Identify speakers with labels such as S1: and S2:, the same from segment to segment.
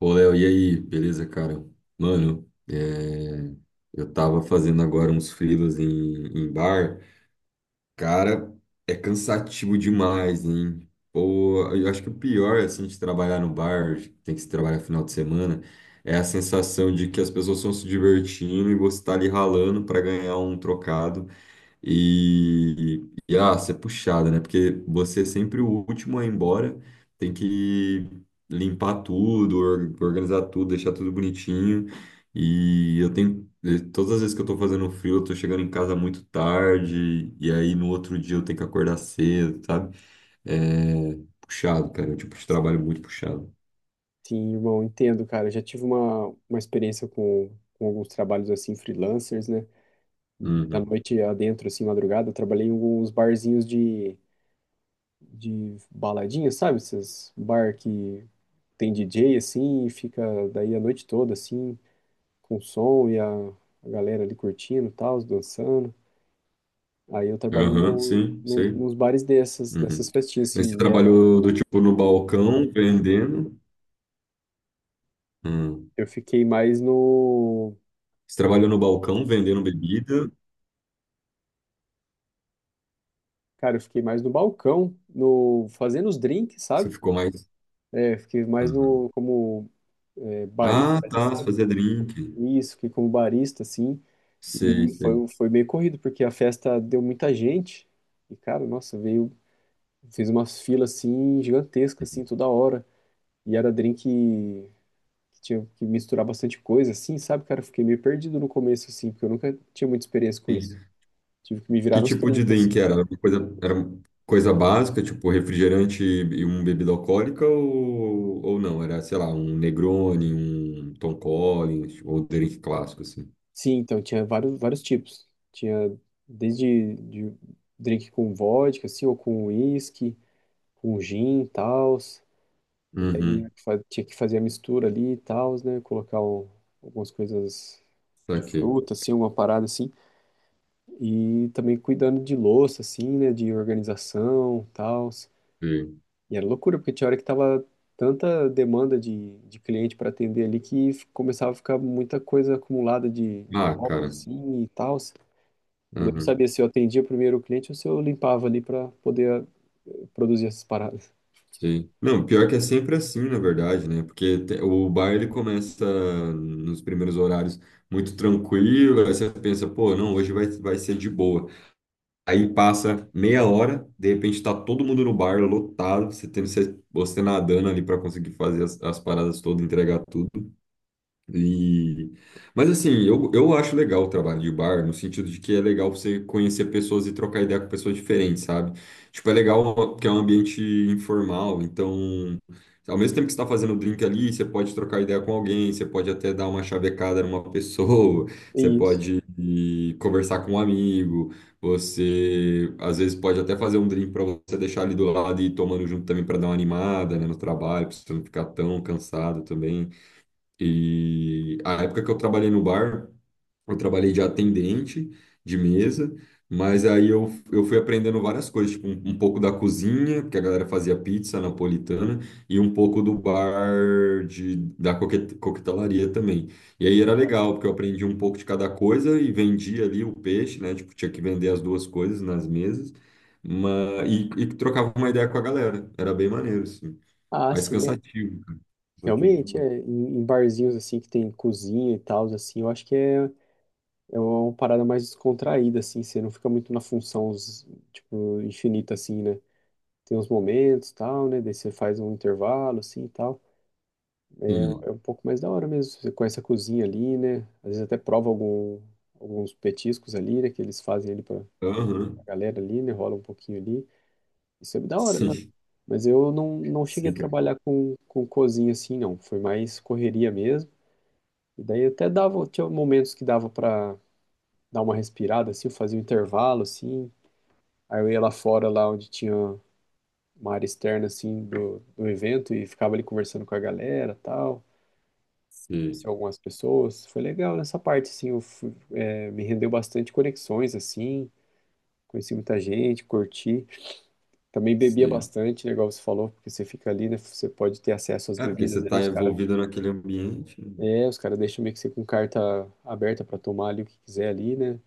S1: Ô, Léo, e aí? Beleza, cara? Mano, eu tava fazendo agora uns freelas em bar. Cara, é cansativo demais, hein? Pô, eu acho que o pior, assim, de trabalhar no bar, tem que se trabalhar final de semana, é a sensação de que as pessoas estão se divertindo e você tá ali ralando pra ganhar um trocado. E ser puxada, né? Porque você é sempre o último a ir embora, tem que limpar tudo, organizar tudo, deixar tudo bonitinho. E eu tenho, todas as vezes que eu tô fazendo frio, eu tô chegando em casa muito tarde, e aí no outro dia eu tenho que acordar cedo, sabe? É puxado, cara, é um tipo de trabalho muito puxado.
S2: Sim, irmão, entendo, cara. Eu já tive uma experiência com alguns trabalhos assim, freelancers, né? Da
S1: Uhum.
S2: noite adentro, assim, madrugada, eu trabalhei em alguns barzinhos de baladinha, sabe? Esses bar que tem DJ, assim, e fica daí a noite toda, assim, com som e a galera ali curtindo e tal, dançando. Aí eu trabalhei
S1: Aham,
S2: no,
S1: sim,
S2: nos
S1: sei.
S2: nos bares dessas
S1: Uhum.
S2: festinhas,
S1: Mas você
S2: assim, e é,
S1: trabalhou do tipo no balcão, vendendo? Hum.
S2: eu fiquei mais no.
S1: Você trabalhou no balcão vendendo bebida?
S2: Cara, eu fiquei mais no balcão, no fazendo os drinks,
S1: Você
S2: sabe?
S1: ficou mais.
S2: É, fiquei mais
S1: Aham.
S2: no, como é,
S1: Ah,
S2: barista ali,
S1: tá. Você
S2: sabe?
S1: fazia drink.
S2: Isso, fiquei como barista, assim.
S1: Sei,
S2: E
S1: sei.
S2: foi meio corrido, porque a festa deu muita gente. E, cara, nossa, veio. Fiz umas filas, assim, gigantescas, assim, toda hora. E era drink que tinha que misturar bastante coisa, assim, sabe, cara? Eu fiquei meio perdido no começo, assim, porque eu nunca tinha muita experiência com isso.
S1: Entendi.
S2: Tive que me virar
S1: Que
S2: nos
S1: tipo de
S2: trinta,
S1: drink
S2: assim.
S1: era? Era uma coisa básica, tipo refrigerante e uma bebida alcoólica, ou não? Era, sei lá, um Negroni, um Tom Collins, ou drink clássico, assim.
S2: Sim, então tinha vários tipos. Tinha desde de drink com vodka, assim, ou com uísque, com gin e tal. E
S1: Uhum.
S2: daí tinha que fazer a mistura ali e tal, né? Colocar algumas coisas de
S1: Saquei.
S2: fruta, assim, uma parada assim. E também cuidando de louça, assim, né? De organização e tal.
S1: Sei.
S2: E era loucura, porque tinha hora que tava tanta demanda de cliente para atender ali que começava a ficar muita coisa acumulada de
S1: Ah,
S2: copos,
S1: cara.
S2: assim, e tal. Eu não
S1: Aham.
S2: sabia se eu atendia primeiro o cliente ou se eu limpava ali para poder produzir essas paradas.
S1: Sei. Não, pior que é sempre assim, na verdade, né? Porque o bar ele começa nos primeiros horários muito tranquilo, aí você pensa, pô, não, hoje vai, vai ser de boa. Aí passa meia hora, de repente tá todo mundo no bar lotado, você tendo você nadando ali para conseguir fazer as paradas todas, entregar tudo. E... Mas assim, eu acho legal o trabalho de bar, no sentido de que é legal você conhecer pessoas e trocar ideia com pessoas diferentes, sabe? Tipo, é legal porque é um ambiente informal, então, ao mesmo tempo que você está fazendo o drink ali, você pode trocar ideia com alguém, você pode até dar uma chavecada numa pessoa, você
S2: E isso.
S1: pode ir conversar com um amigo, você às vezes pode até fazer um drink para você deixar ali do lado e ir tomando junto também para dar uma animada, né, no trabalho, para você não ficar tão cansado também. E a época que eu trabalhei no bar, eu trabalhei de atendente de mesa, mas aí eu fui aprendendo várias coisas, tipo um pouco da cozinha, porque a galera fazia pizza napolitana, e um pouco do bar da coquetelaria também. E aí era legal, porque eu aprendi um pouco de cada coisa e vendia ali o peixe, né? Tipo, tinha que vender as duas coisas nas mesas, mas trocava uma ideia com a galera. Era bem maneiro, assim.
S2: Ah,
S1: Mas
S2: sim.
S1: cansativo, cansativo
S2: Realmente,
S1: demais.
S2: é, em, em barzinhos assim que tem cozinha e tal, assim, eu acho que é uma parada mais descontraída, assim. Você não fica muito na função, tipo, infinita, assim, né? Tem uns momentos, tal, né? Daí você faz um intervalo, assim, e tal. É
S1: Sim.
S2: um pouco mais da hora mesmo, você conhece a cozinha ali, né? Às vezes até prova alguns petiscos ali, né? Que eles fazem ali pra
S1: Aham.
S2: galera ali, né? Rola um pouquinho ali. Isso é da hora, né?
S1: Sim,
S2: Mas eu não cheguei
S1: sim,
S2: a
S1: cara.
S2: trabalhar com cozinha, assim, não. Foi mais correria mesmo. E daí até dava, tinha momentos que dava para dar uma respirada, assim. Eu fazia um intervalo, assim, aí eu ia lá fora, lá onde tinha uma área externa, assim, do evento, e ficava ali conversando com a galera, tal, conheci
S1: Sim,
S2: algumas pessoas, foi legal nessa parte, assim, é, me rendeu bastante conexões, assim, conheci muita gente, curti, também bebia
S1: sim.
S2: bastante, né, igual você falou, porque você fica ali, né, você pode ter acesso às
S1: É, porque você
S2: bebidas ali,
S1: está
S2: os caras,
S1: envolvido naquele ambiente.
S2: é, os caras deixam meio que você com carta aberta para tomar ali o que quiser ali, né.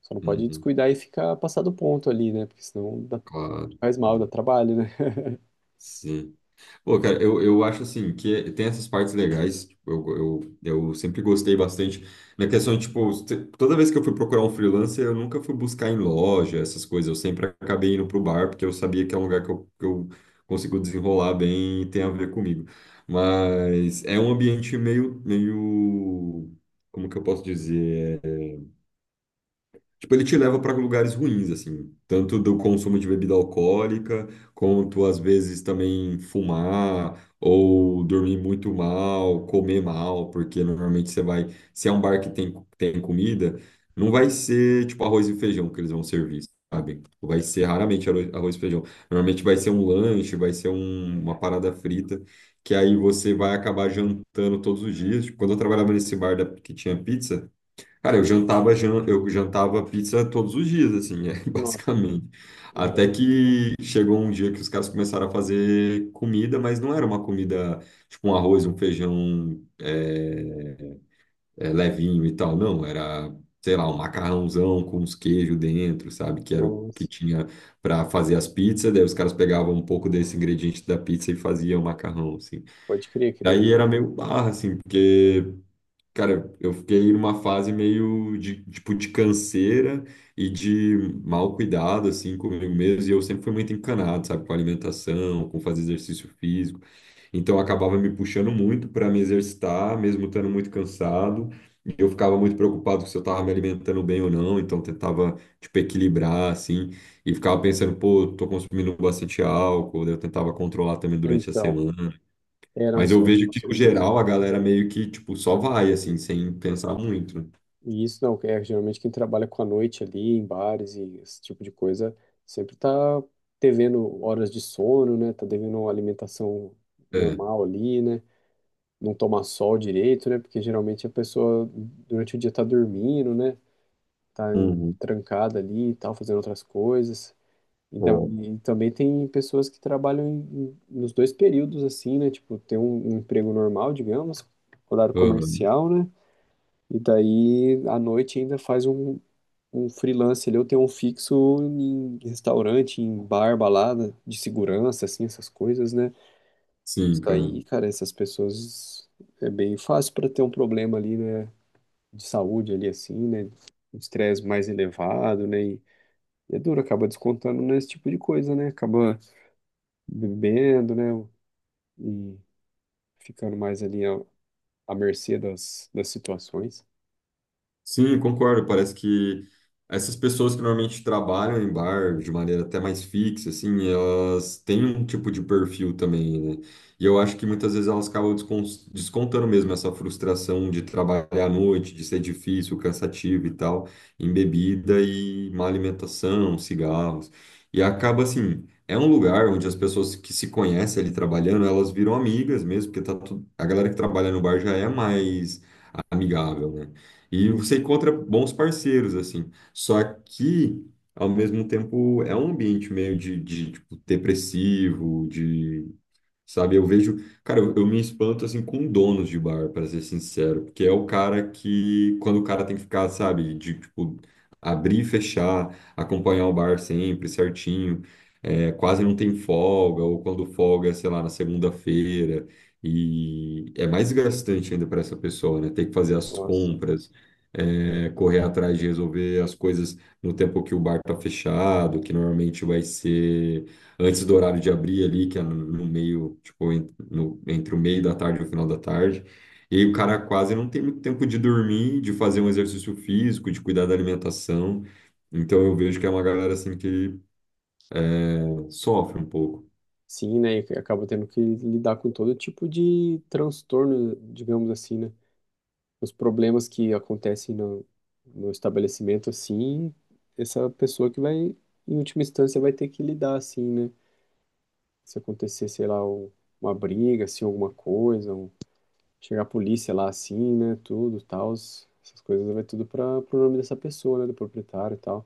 S2: Só não pode
S1: Uhum,
S2: descuidar e ficar passado do ponto ali, né? Porque senão
S1: claro.
S2: faz mal, dá
S1: Uhum,
S2: trabalho, né?
S1: sim. Pô, cara, eu acho assim que tem essas partes legais. Tipo, eu sempre gostei bastante. Na questão de, tipo, toda vez que eu fui procurar um freelancer, eu nunca fui buscar em loja, essas coisas. Eu sempre acabei indo pro bar, porque eu sabia que é um lugar que que eu consigo desenrolar bem e tem a ver comigo. Mas é um ambiente meio, como que eu posso dizer? Tipo, ele te leva para lugares ruins, assim, tanto do consumo de bebida alcoólica, quanto às vezes também fumar ou dormir muito mal, comer mal, porque normalmente você vai, se é um bar que tem comida, não vai ser tipo arroz e feijão que eles vão servir, sabe? Vai ser raramente arroz e feijão. Normalmente vai ser um lanche, vai ser uma parada frita, que aí você vai acabar jantando todos os dias. Tipo, quando eu trabalhava nesse bar que tinha pizza, cara, eu eu jantava pizza todos os dias, assim, é,
S2: Nossa,
S1: basicamente. Até
S2: exato.
S1: que chegou um dia que os caras começaram a fazer comida, mas não era uma comida tipo um arroz, um feijão levinho e tal, não. Era, sei lá, um macarrãozão com uns queijos dentro, sabe? Que era o que
S2: Nossa,
S1: tinha para fazer as pizzas. Daí os caras pegavam um pouco desse ingrediente da pizza e faziam macarrão, assim.
S2: pode crer,
S1: Daí
S2: querendo
S1: era
S2: ou não, é.
S1: meio barra, assim, porque. Cara, eu fiquei numa fase meio de, tipo, de canseira e de mau cuidado, assim, comigo mesmo. E eu sempre fui muito encanado, sabe, com alimentação, com fazer exercício físico. Então, eu acabava me puxando muito para me exercitar, mesmo estando muito cansado. E eu ficava muito preocupado se eu estava me alimentando bem ou não. Então, eu tentava, tipo, equilibrar, assim. E ficava pensando, pô, eu tô consumindo bastante álcool. Daí eu tentava controlar também durante a
S2: Então,
S1: semana.
S2: é, não,
S1: Mas eu
S2: isso é,
S1: vejo
S2: com
S1: que, no
S2: certeza.
S1: geral, a galera meio que, tipo, só vai, assim, sem pensar muito, né?
S2: E isso não, é geralmente quem trabalha com a noite ali, em bares e esse tipo de coisa, sempre tá devendo horas de sono, né? Tá devendo uma alimentação
S1: É.
S2: normal ali, né? Não tomar sol direito, né? Porque geralmente a pessoa durante o dia tá dormindo, né? Tá
S1: Uhum.
S2: trancada ali e tal, fazendo outras coisas. Então,
S1: É.
S2: e também tem pessoas que trabalham nos dois períodos, assim, né? Tipo, tem um emprego normal, digamos, horário
S1: Aham.
S2: comercial, né? E daí, à noite, ainda faz um freelance ali, ou tem um fixo em restaurante, em bar, balada, de segurança, assim, essas coisas, né?
S1: Sim,
S2: Isso
S1: cara.
S2: aí, cara, essas pessoas é bem fácil para ter um problema ali, né? De saúde ali, assim, né? Um estresse mais elevado, né? E é duro, acaba descontando nesse tipo de coisa, né? Acaba bebendo, né? E ficando mais ali à, à mercê das situações.
S1: Sim, concordo. Parece que essas pessoas que normalmente trabalham em bar de maneira até mais fixa, assim, elas têm um tipo de perfil também, né? E eu acho que muitas vezes elas acabam descontando mesmo essa frustração de trabalhar à noite, de ser difícil, cansativo e tal, em bebida e má alimentação, cigarros. E acaba assim, é um lugar onde as pessoas que se conhecem ali trabalhando, elas viram amigas mesmo, porque tá tudo... a galera que trabalha no bar já é mais amigável, né? E
S2: Isso.
S1: você encontra bons parceiros, assim. Só que, ao mesmo tempo, é um ambiente meio de, tipo, depressivo, de sabe, eu vejo, cara, eu me espanto assim com donos de bar, para ser sincero, porque é o cara que, quando o cara tem que ficar, sabe, de tipo, abrir e fechar, acompanhar o bar sempre certinho, é, quase não tem folga, ou quando folga, é, sei lá, na segunda-feira, e é mais desgastante ainda para essa pessoa, né? Ter que fazer as
S2: Nossa.
S1: compras, é, correr atrás de resolver as coisas no tempo que o bar tá fechado, que normalmente vai ser antes do horário de abrir ali, que é no meio, tipo, entre o meio da tarde e o final da tarde. E aí o cara quase não tem muito tempo de dormir, de fazer um exercício físico, de cuidar da alimentação. Então eu vejo que é uma galera assim que pô, sofre um pouco.
S2: Sim, né? E acaba tendo que lidar com todo tipo de transtorno, digamos assim, né? Os problemas que acontecem no estabelecimento, assim, essa pessoa que vai, em última instância, vai ter que lidar, assim, né? Se acontecer, sei lá, uma briga, assim, alguma coisa, um. Chegar a polícia lá assim, né? Tudo, tal. Essas coisas vai tudo para pro nome dessa pessoa, né? Do proprietário e tal.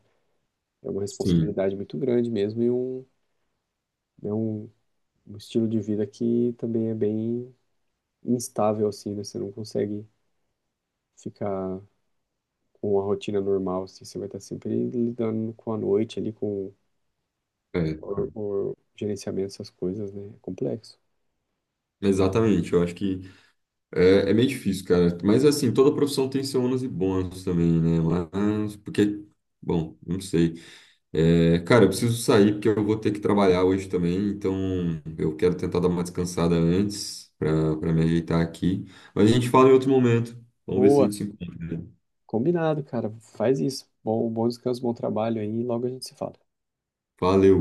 S2: É uma
S1: Sim.
S2: responsabilidade muito grande mesmo, é um estilo de vida que também é bem instável, assim, né? Você não consegue ficar com a rotina normal, assim. Você vai estar sempre lidando com a noite ali, com
S1: É,
S2: o,
S1: cara.
S2: o gerenciamento dessas coisas, né? É complexo.
S1: Exatamente, eu acho que é meio difícil, cara. Mas assim, toda profissão tem seus ônus e bônus também, né? Mas, porque, bom, não sei. É, cara, eu preciso sair porque eu vou ter que trabalhar hoje também, então eu quero tentar dar uma descansada antes para me ajeitar aqui. Mas a gente fala em outro momento. Vamos ver se a
S2: Boa,
S1: gente se encontra, né?
S2: combinado, cara. Faz isso. Bom descanso, bom trabalho aí, e logo a gente se fala.
S1: Valeu.